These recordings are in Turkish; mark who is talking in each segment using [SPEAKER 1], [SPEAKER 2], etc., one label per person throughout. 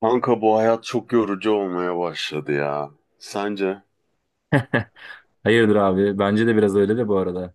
[SPEAKER 1] Kanka bu hayat çok yorucu olmaya başladı ya. Sence?
[SPEAKER 2] Hayırdır abi? Bence de biraz öyle de bu arada.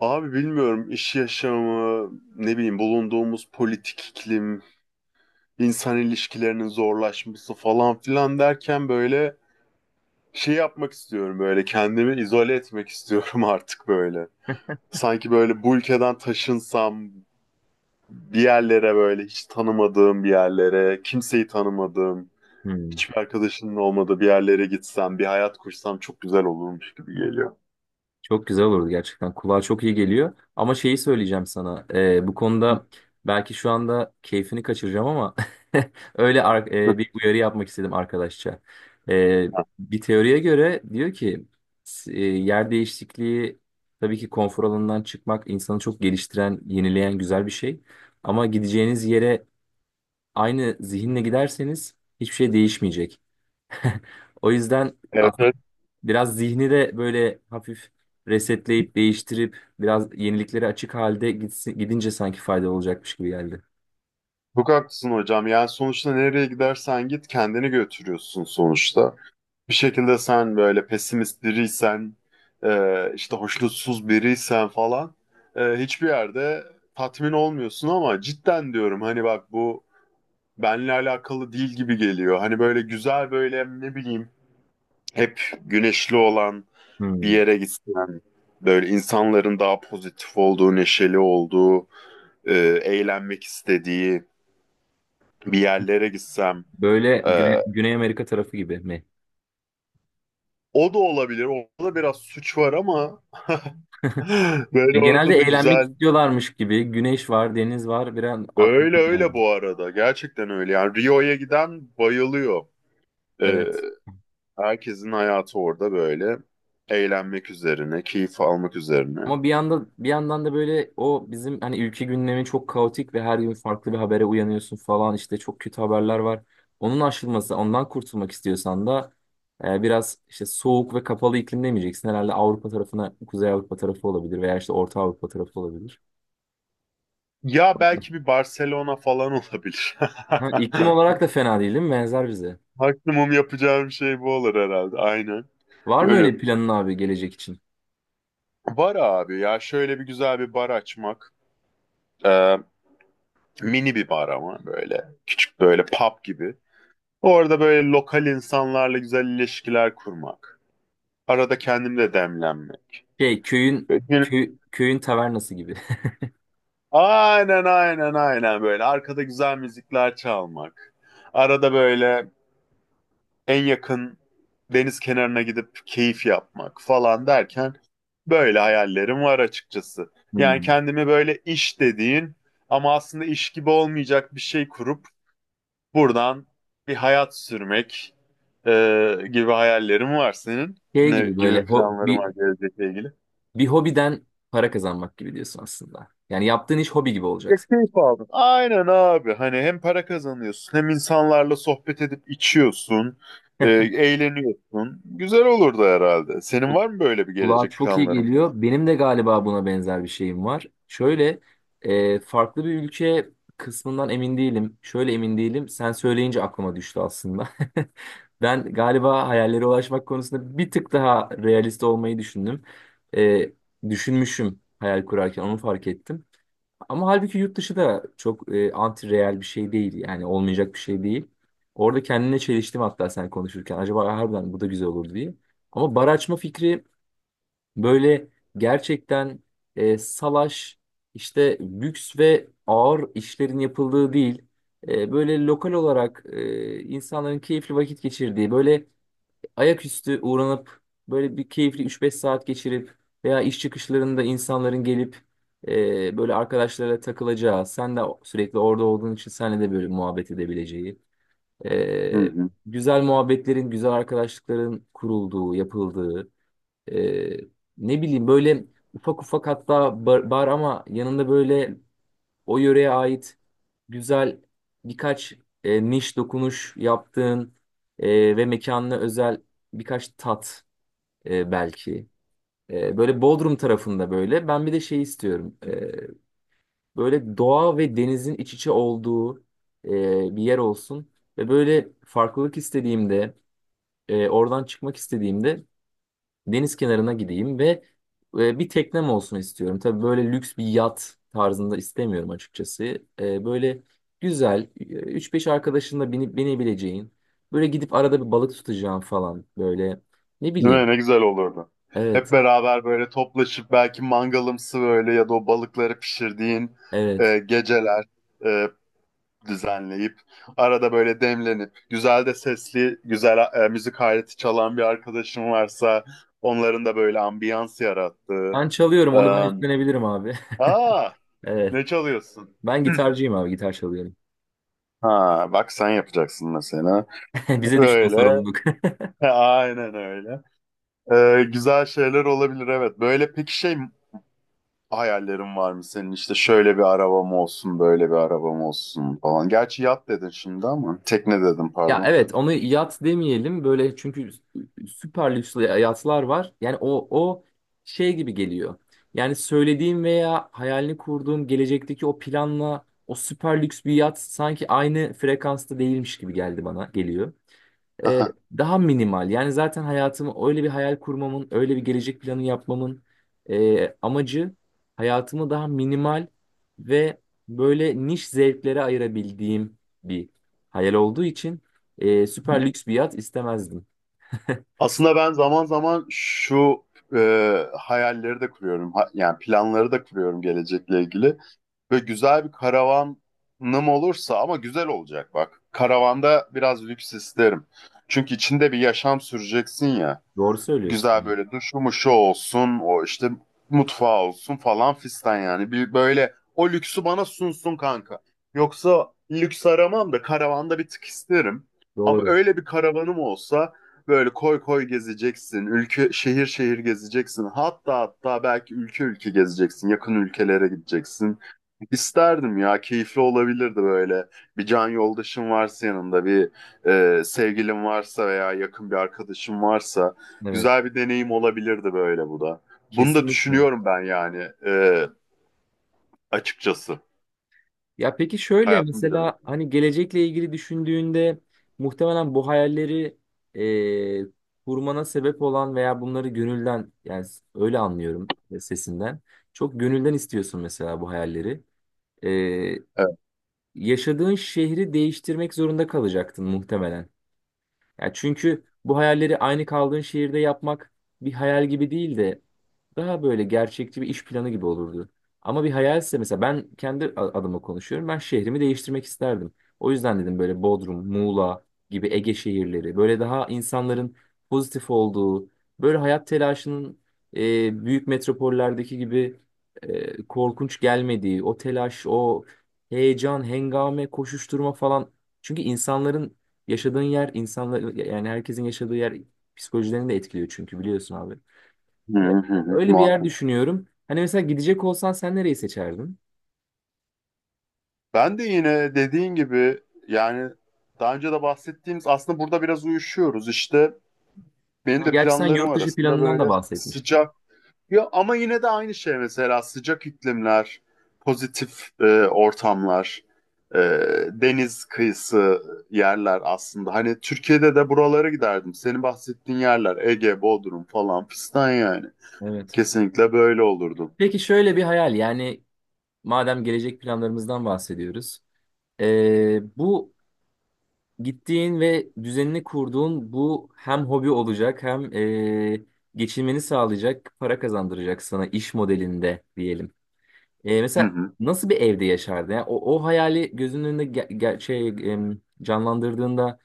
[SPEAKER 1] Abi bilmiyorum iş yaşamı, ne bileyim bulunduğumuz politik iklim, insan ilişkilerinin zorlaşması falan filan derken böyle şey yapmak istiyorum böyle kendimi izole etmek istiyorum artık böyle. Sanki böyle bu ülkeden taşınsam bir yerlere böyle hiç tanımadığım bir yerlere, kimseyi tanımadığım,
[SPEAKER 2] Hmm,
[SPEAKER 1] hiçbir arkadaşının olmadığı bir yerlere gitsem, bir hayat kursam çok güzel olurmuş gibi geliyor.
[SPEAKER 2] Çok güzel olurdu gerçekten. Kulağa çok iyi geliyor. Ama şeyi söyleyeceğim sana. Bu konuda belki şu anda keyfini kaçıracağım ama bir uyarı yapmak istedim arkadaşça. Ee, Bir teoriye göre diyor ki yer değişikliği, tabii ki konfor alanından çıkmak, insanı çok geliştiren, yenileyen güzel bir şey. Ama gideceğiniz yere aynı zihinle giderseniz hiçbir şey değişmeyecek. O yüzden
[SPEAKER 1] Evet, evet.
[SPEAKER 2] biraz zihni de böyle hafif resetleyip değiştirip biraz yeniliklere açık halde gitsin, gidince sanki faydalı olacakmış gibi geldi.
[SPEAKER 1] Çok haklısın hocam. Yani sonuçta nereye gidersen git kendini götürüyorsun sonuçta. Bir şekilde sen böyle pesimist biriysen, işte hoşnutsuz biriysen falan hiçbir yerde tatmin olmuyorsun ama cidden diyorum hani bak bu benle alakalı değil gibi geliyor. Hani böyle güzel böyle ne bileyim hep güneşli olan bir
[SPEAKER 2] Hmm.
[SPEAKER 1] yere gitsen, böyle insanların daha pozitif olduğu, neşeli olduğu, e, eğlenmek istediği bir yerlere gitsem.
[SPEAKER 2] Böyle
[SPEAKER 1] Ee,
[SPEAKER 2] Güney Amerika tarafı gibi mi?
[SPEAKER 1] o da olabilir. Orada biraz suç var ama
[SPEAKER 2] E,
[SPEAKER 1] böyle
[SPEAKER 2] genelde
[SPEAKER 1] orada da
[SPEAKER 2] eğlenmek
[SPEAKER 1] güzel.
[SPEAKER 2] istiyorlarmış gibi. Güneş var, deniz var. Bir an aklıma
[SPEAKER 1] Öyle öyle
[SPEAKER 2] geldi.
[SPEAKER 1] bu arada. Gerçekten öyle. Yani Rio'ya giden bayılıyor. Ee,
[SPEAKER 2] Evet.
[SPEAKER 1] herkesin hayatı orada böyle. Eğlenmek üzerine, keyif almak üzerine.
[SPEAKER 2] Ama bir yanda, bir yandan da böyle o bizim hani ülke gündemi çok kaotik ve her gün farklı bir habere uyanıyorsun falan, işte çok kötü haberler var. Onun aşılması, ondan kurtulmak istiyorsan da biraz işte soğuk ve kapalı iklim demeyeceksin. Herhalde Avrupa tarafına, Kuzey Avrupa tarafı olabilir veya işte Orta Avrupa tarafı olabilir.
[SPEAKER 1] Ya belki bir Barcelona falan olabilir.
[SPEAKER 2] Ha, iklim olarak da fena değil, değil mi? Benzer bize.
[SPEAKER 1] Maksimum yapacağım şey bu olur herhalde. Aynen.
[SPEAKER 2] Var mı
[SPEAKER 1] Böyle.
[SPEAKER 2] öyle planın abi gelecek için?
[SPEAKER 1] Bar abi ya şöyle bir güzel bir bar açmak. Ee, Mini bir bar ama böyle. Küçük böyle pub gibi. Orada böyle lokal insanlarla güzel ilişkiler kurmak. Arada kendim de demlenmek.
[SPEAKER 2] Şey,
[SPEAKER 1] Böyle
[SPEAKER 2] köyün tavernası gibi.
[SPEAKER 1] aynen aynen aynen böyle. Arkada güzel müzikler çalmak. Arada böyle en yakın deniz kenarına gidip keyif yapmak falan derken böyle hayallerim var açıkçası. Yani
[SPEAKER 2] Hmm.
[SPEAKER 1] kendimi böyle iş dediğin ama aslında iş gibi olmayacak bir şey kurup buradan bir hayat sürmek e, gibi hayallerim var senin.
[SPEAKER 2] Şey
[SPEAKER 1] Ne
[SPEAKER 2] gibi böyle
[SPEAKER 1] gibi
[SPEAKER 2] ho-
[SPEAKER 1] planlarım
[SPEAKER 2] bir
[SPEAKER 1] var gelecekle ilgili?
[SPEAKER 2] Bir hobiden para kazanmak gibi diyorsun aslında. Yani yaptığın iş hobi gibi
[SPEAKER 1] Ya
[SPEAKER 2] olacak.
[SPEAKER 1] keyif aldım. Aynen abi. Hani hem para kazanıyorsun hem insanlarla sohbet edip içiyorsun. e, eğleniyorsun. Güzel olurdu herhalde. Senin
[SPEAKER 2] Bu-
[SPEAKER 1] var mı böyle bir
[SPEAKER 2] Kulağa
[SPEAKER 1] gelecek
[SPEAKER 2] çok iyi
[SPEAKER 1] planların falan?
[SPEAKER 2] geliyor. Benim de galiba buna benzer bir şeyim var. Şöyle, farklı bir ülke kısmından emin değilim. Şöyle emin değilim. Sen söyleyince aklıma düştü aslında. Ben galiba hayallere ulaşmak konusunda bir tık daha realist olmayı düşündüm. E, Düşünmüşüm, hayal kurarken onu fark ettim. Ama halbuki yurt dışı da çok anti-real bir şey değil. Yani olmayacak bir şey değil. Orada kendine çeliştim hatta sen konuşurken. Acaba harbiden bu da güzel olur diye. Ama bar açma fikri, böyle gerçekten salaş, işte lüks ve ağır işlerin yapıldığı değil. Böyle lokal olarak, insanların keyifli vakit geçirdiği, böyle ayaküstü uğranıp, böyle bir keyifli üç beş saat geçirip veya iş çıkışlarında insanların gelip, böyle arkadaşlara takılacağı, sen de sürekli orada olduğun için seninle de böyle muhabbet edebileceği,
[SPEAKER 1] Hı
[SPEAKER 2] e,
[SPEAKER 1] hı.
[SPEAKER 2] güzel muhabbetlerin, güzel arkadaşlıkların kurulduğu, yapıldığı, e, ne bileyim, böyle ufak ufak, hatta bar, bar ama yanında böyle o yöreye ait güzel birkaç niş dokunuş yaptığın, ve mekanına özel birkaç tat, belki. Böyle Bodrum tarafında böyle. Ben bir de şey istiyorum. Böyle doğa ve denizin iç içe olduğu bir yer olsun. Ve böyle farklılık istediğimde, oradan çıkmak istediğimde deniz kenarına gideyim ve bir teknem olsun istiyorum. Tabii böyle lüks bir yat tarzında istemiyorum açıkçası. Böyle güzel, 3-5 arkadaşınla binip binebileceğin, böyle gidip arada bir balık tutacağım falan böyle. Ne
[SPEAKER 1] Değil
[SPEAKER 2] bileyim.
[SPEAKER 1] mi? Ne güzel olurdu. Hep
[SPEAKER 2] Evet,
[SPEAKER 1] beraber böyle toplaşıp belki mangalımsı böyle ya da o balıkları pişirdiğin
[SPEAKER 2] evet.
[SPEAKER 1] geceler. e, Düzenleyip arada böyle demlenip güzel de sesli güzel müzik aleti çalan bir arkadaşım varsa onların da böyle ambiyans yarattığı.
[SPEAKER 2] Ben çalıyorum,
[SPEAKER 1] E,
[SPEAKER 2] onu ben üstlenebilirim abi.
[SPEAKER 1] aa
[SPEAKER 2] Evet.
[SPEAKER 1] ne çalıyorsun?
[SPEAKER 2] Ben gitarcıyım abi, gitar çalıyorum.
[SPEAKER 1] Ha bak sen yapacaksın mesela.
[SPEAKER 2] Bize düştü o
[SPEAKER 1] Öyle.
[SPEAKER 2] sorumluluk.
[SPEAKER 1] He, aynen öyle. Güzel şeyler olabilir evet. Böyle peki şey hayallerin var mı senin? İşte şöyle bir arabam olsun, böyle bir arabam olsun falan. Gerçi yat dedin şimdi ama tekne dedim
[SPEAKER 2] Ya
[SPEAKER 1] pardon.
[SPEAKER 2] evet, onu yat demeyelim böyle, çünkü süper lüks yatlar var. Yani o şey gibi geliyor. Yani söylediğim veya hayalini kurduğum gelecekteki o planla o süper lüks bir yat sanki aynı frekansta değilmiş gibi geldi, bana geliyor. Ee, Daha minimal. Yani zaten hayatımı öyle bir hayal kurmamın, öyle bir gelecek planı yapmamın amacı, hayatımı daha minimal ve böyle niş zevklere ayırabildiğim bir hayal olduğu için süper lüks bir yat istemezdim.
[SPEAKER 1] Aslında ben zaman zaman şu e, hayalleri de kuruyorum. Yani planları da kuruyorum gelecekle ilgili. Ve güzel bir karavanım olursa ama güzel olacak bak. Karavanda biraz lüks isterim. Çünkü içinde bir yaşam süreceksin ya
[SPEAKER 2] Doğru söylüyorsun.
[SPEAKER 1] güzel
[SPEAKER 2] Hani
[SPEAKER 1] böyle duşu mu şu olsun o işte mutfağı olsun falan fistan yani. Bir böyle o lüksü bana sunsun kanka. Yoksa lüks aramam da karavanda bir tık isterim. Ama
[SPEAKER 2] doğru.
[SPEAKER 1] öyle bir karavanım olsa böyle koy koy gezeceksin. Ülke şehir şehir gezeceksin. Hatta hatta belki ülke ülke gezeceksin. Yakın ülkelere gideceksin. İsterdim ya keyifli olabilirdi böyle. Bir can yoldaşın varsa yanında bir sevgilin varsa veya yakın bir arkadaşın varsa
[SPEAKER 2] Evet.
[SPEAKER 1] güzel bir deneyim olabilirdi böyle bu da. Bunu da
[SPEAKER 2] Kesinlikle.
[SPEAKER 1] düşünüyorum ben yani açıkçası.
[SPEAKER 2] Ya peki şöyle,
[SPEAKER 1] Hayatım bir dönem.
[SPEAKER 2] mesela hani gelecekle ilgili düşündüğünde, muhtemelen bu hayalleri kurmana sebep olan veya bunları gönülden, yani öyle anlıyorum sesinden, çok gönülden istiyorsun mesela bu hayalleri. E,
[SPEAKER 1] Evet.
[SPEAKER 2] Yaşadığın şehri değiştirmek zorunda kalacaktın muhtemelen. Yani çünkü bu hayalleri aynı kaldığın şehirde yapmak bir hayal gibi değil de daha böyle gerçekçi bir iş planı gibi olurdu. Ama bir hayalse, mesela ben kendi adıma konuşuyorum. Ben şehrimi değiştirmek isterdim. O yüzden dedim böyle Bodrum, Muğla gibi Ege şehirleri böyle, daha insanların pozitif olduğu, böyle hayat telaşının büyük metropollerdeki gibi korkunç gelmediği, o telaş, o heyecan, hengame, koşuşturma falan. Çünkü insanların Yaşadığın yer, insanlar, yani herkesin yaşadığı yer psikolojilerini de etkiliyor çünkü, biliyorsun abi.
[SPEAKER 1] Hı
[SPEAKER 2] Ee,
[SPEAKER 1] hı hı,
[SPEAKER 2] Öyle bir yer
[SPEAKER 1] muhakkak.
[SPEAKER 2] düşünüyorum. Hani mesela gidecek olsan sen nereyi seçerdin?
[SPEAKER 1] Ben de yine dediğin gibi yani daha önce de bahsettiğimiz aslında burada biraz uyuşuyoruz. İşte benim
[SPEAKER 2] Ha,
[SPEAKER 1] de
[SPEAKER 2] gerçi sen
[SPEAKER 1] planlarım
[SPEAKER 2] yurt dışı
[SPEAKER 1] arasında
[SPEAKER 2] planından da
[SPEAKER 1] böyle
[SPEAKER 2] bahsetmiştin.
[SPEAKER 1] sıcak. Ya ama yine de aynı şey mesela sıcak iklimler, pozitif ortamlar, e, deniz kıyısı yerler aslında. Hani Türkiye'de de buralara giderdim. Senin bahsettiğin yerler Ege, Bodrum falan fistan yani.
[SPEAKER 2] Evet.
[SPEAKER 1] Kesinlikle böyle olurdum.
[SPEAKER 2] Peki şöyle bir hayal, yani madem gelecek planlarımızdan bahsediyoruz. Bu gittiğin ve düzenini kurduğun bu hem hobi olacak hem geçinmeni sağlayacak, para kazandıracak sana, iş modelinde diyelim.
[SPEAKER 1] Hı
[SPEAKER 2] Mesela
[SPEAKER 1] hı.
[SPEAKER 2] nasıl bir evde yaşardı? Yani o, o hayali gözünün önünde canlandırdığında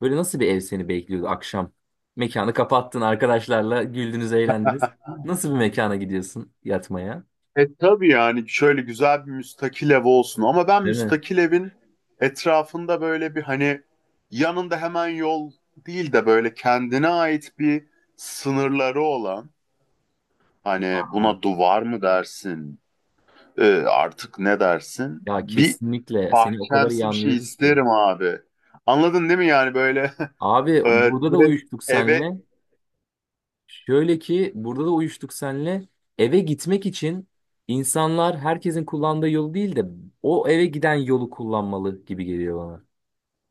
[SPEAKER 2] böyle nasıl bir ev seni bekliyordu akşam? Mekanı kapattın, arkadaşlarla güldünüz, eğlendiniz. Nasıl bir mekana gidiyorsun yatmaya?
[SPEAKER 1] Tabii yani şöyle güzel bir müstakil ev olsun ama ben
[SPEAKER 2] Değil mi?
[SPEAKER 1] müstakil evin etrafında böyle bir hani yanında hemen yol değil de böyle kendine ait bir sınırları olan. Hani
[SPEAKER 2] Aa,
[SPEAKER 1] buna duvar mı dersin? Artık ne dersin?
[SPEAKER 2] Ya
[SPEAKER 1] Bir
[SPEAKER 2] kesinlikle seni o kadar iyi
[SPEAKER 1] bahçemsi bir şey
[SPEAKER 2] anlıyorum ki.
[SPEAKER 1] isterim abi. Anladın değil mi yani böyle
[SPEAKER 2] Abi burada da
[SPEAKER 1] direkt
[SPEAKER 2] uyuştuk
[SPEAKER 1] eve
[SPEAKER 2] senle. Şöyle ki burada da uyuştuk senle. Eve gitmek için insanlar herkesin kullandığı yolu değil de o eve giden yolu kullanmalı gibi geliyor bana.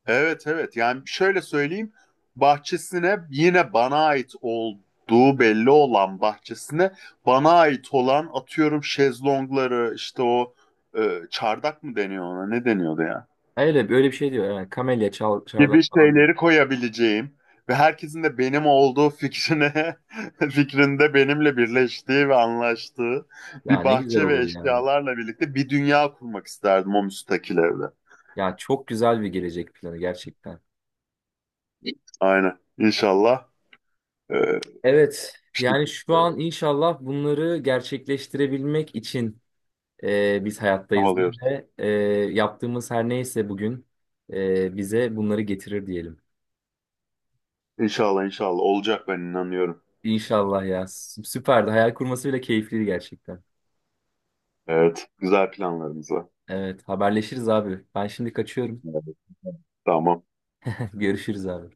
[SPEAKER 1] evet evet yani şöyle söyleyeyim bahçesine yine bana ait olduğu belli olan bahçesine bana ait olan atıyorum şezlongları işte o çardak mı deniyor ona ne deniyordu ya?
[SPEAKER 2] Öyle böyle bir şey diyor. Yani kamelya, çal,
[SPEAKER 1] Gibi
[SPEAKER 2] çardak falan, diyor.
[SPEAKER 1] şeyleri koyabileceğim ve herkesin de benim olduğu fikrine fikrinde benimle birleştiği ve anlaştığı
[SPEAKER 2] Ya
[SPEAKER 1] bir
[SPEAKER 2] ne güzel
[SPEAKER 1] bahçe ve
[SPEAKER 2] olur ya.
[SPEAKER 1] eşyalarla birlikte bir dünya kurmak isterdim o müstakil evde.
[SPEAKER 2] Ya çok güzel bir gelecek planı gerçekten.
[SPEAKER 1] Aynen. İnşallah e,
[SPEAKER 2] Evet.
[SPEAKER 1] bir
[SPEAKER 2] Yani şu
[SPEAKER 1] şekilde
[SPEAKER 2] an inşallah bunları gerçekleştirebilmek için biz hayattayızdır
[SPEAKER 1] çabalıyoruz.
[SPEAKER 2] ve yaptığımız her neyse bugün bize bunları getirir diyelim.
[SPEAKER 1] İnşallah inşallah olacak ben inanıyorum.
[SPEAKER 2] İnşallah ya. Süperdi. Hayal kurması bile keyifliydi gerçekten.
[SPEAKER 1] Evet. Güzel planlarımız var.
[SPEAKER 2] Evet, haberleşiriz abi. Ben şimdi kaçıyorum.
[SPEAKER 1] Evet. Tamam.
[SPEAKER 2] Görüşürüz abi.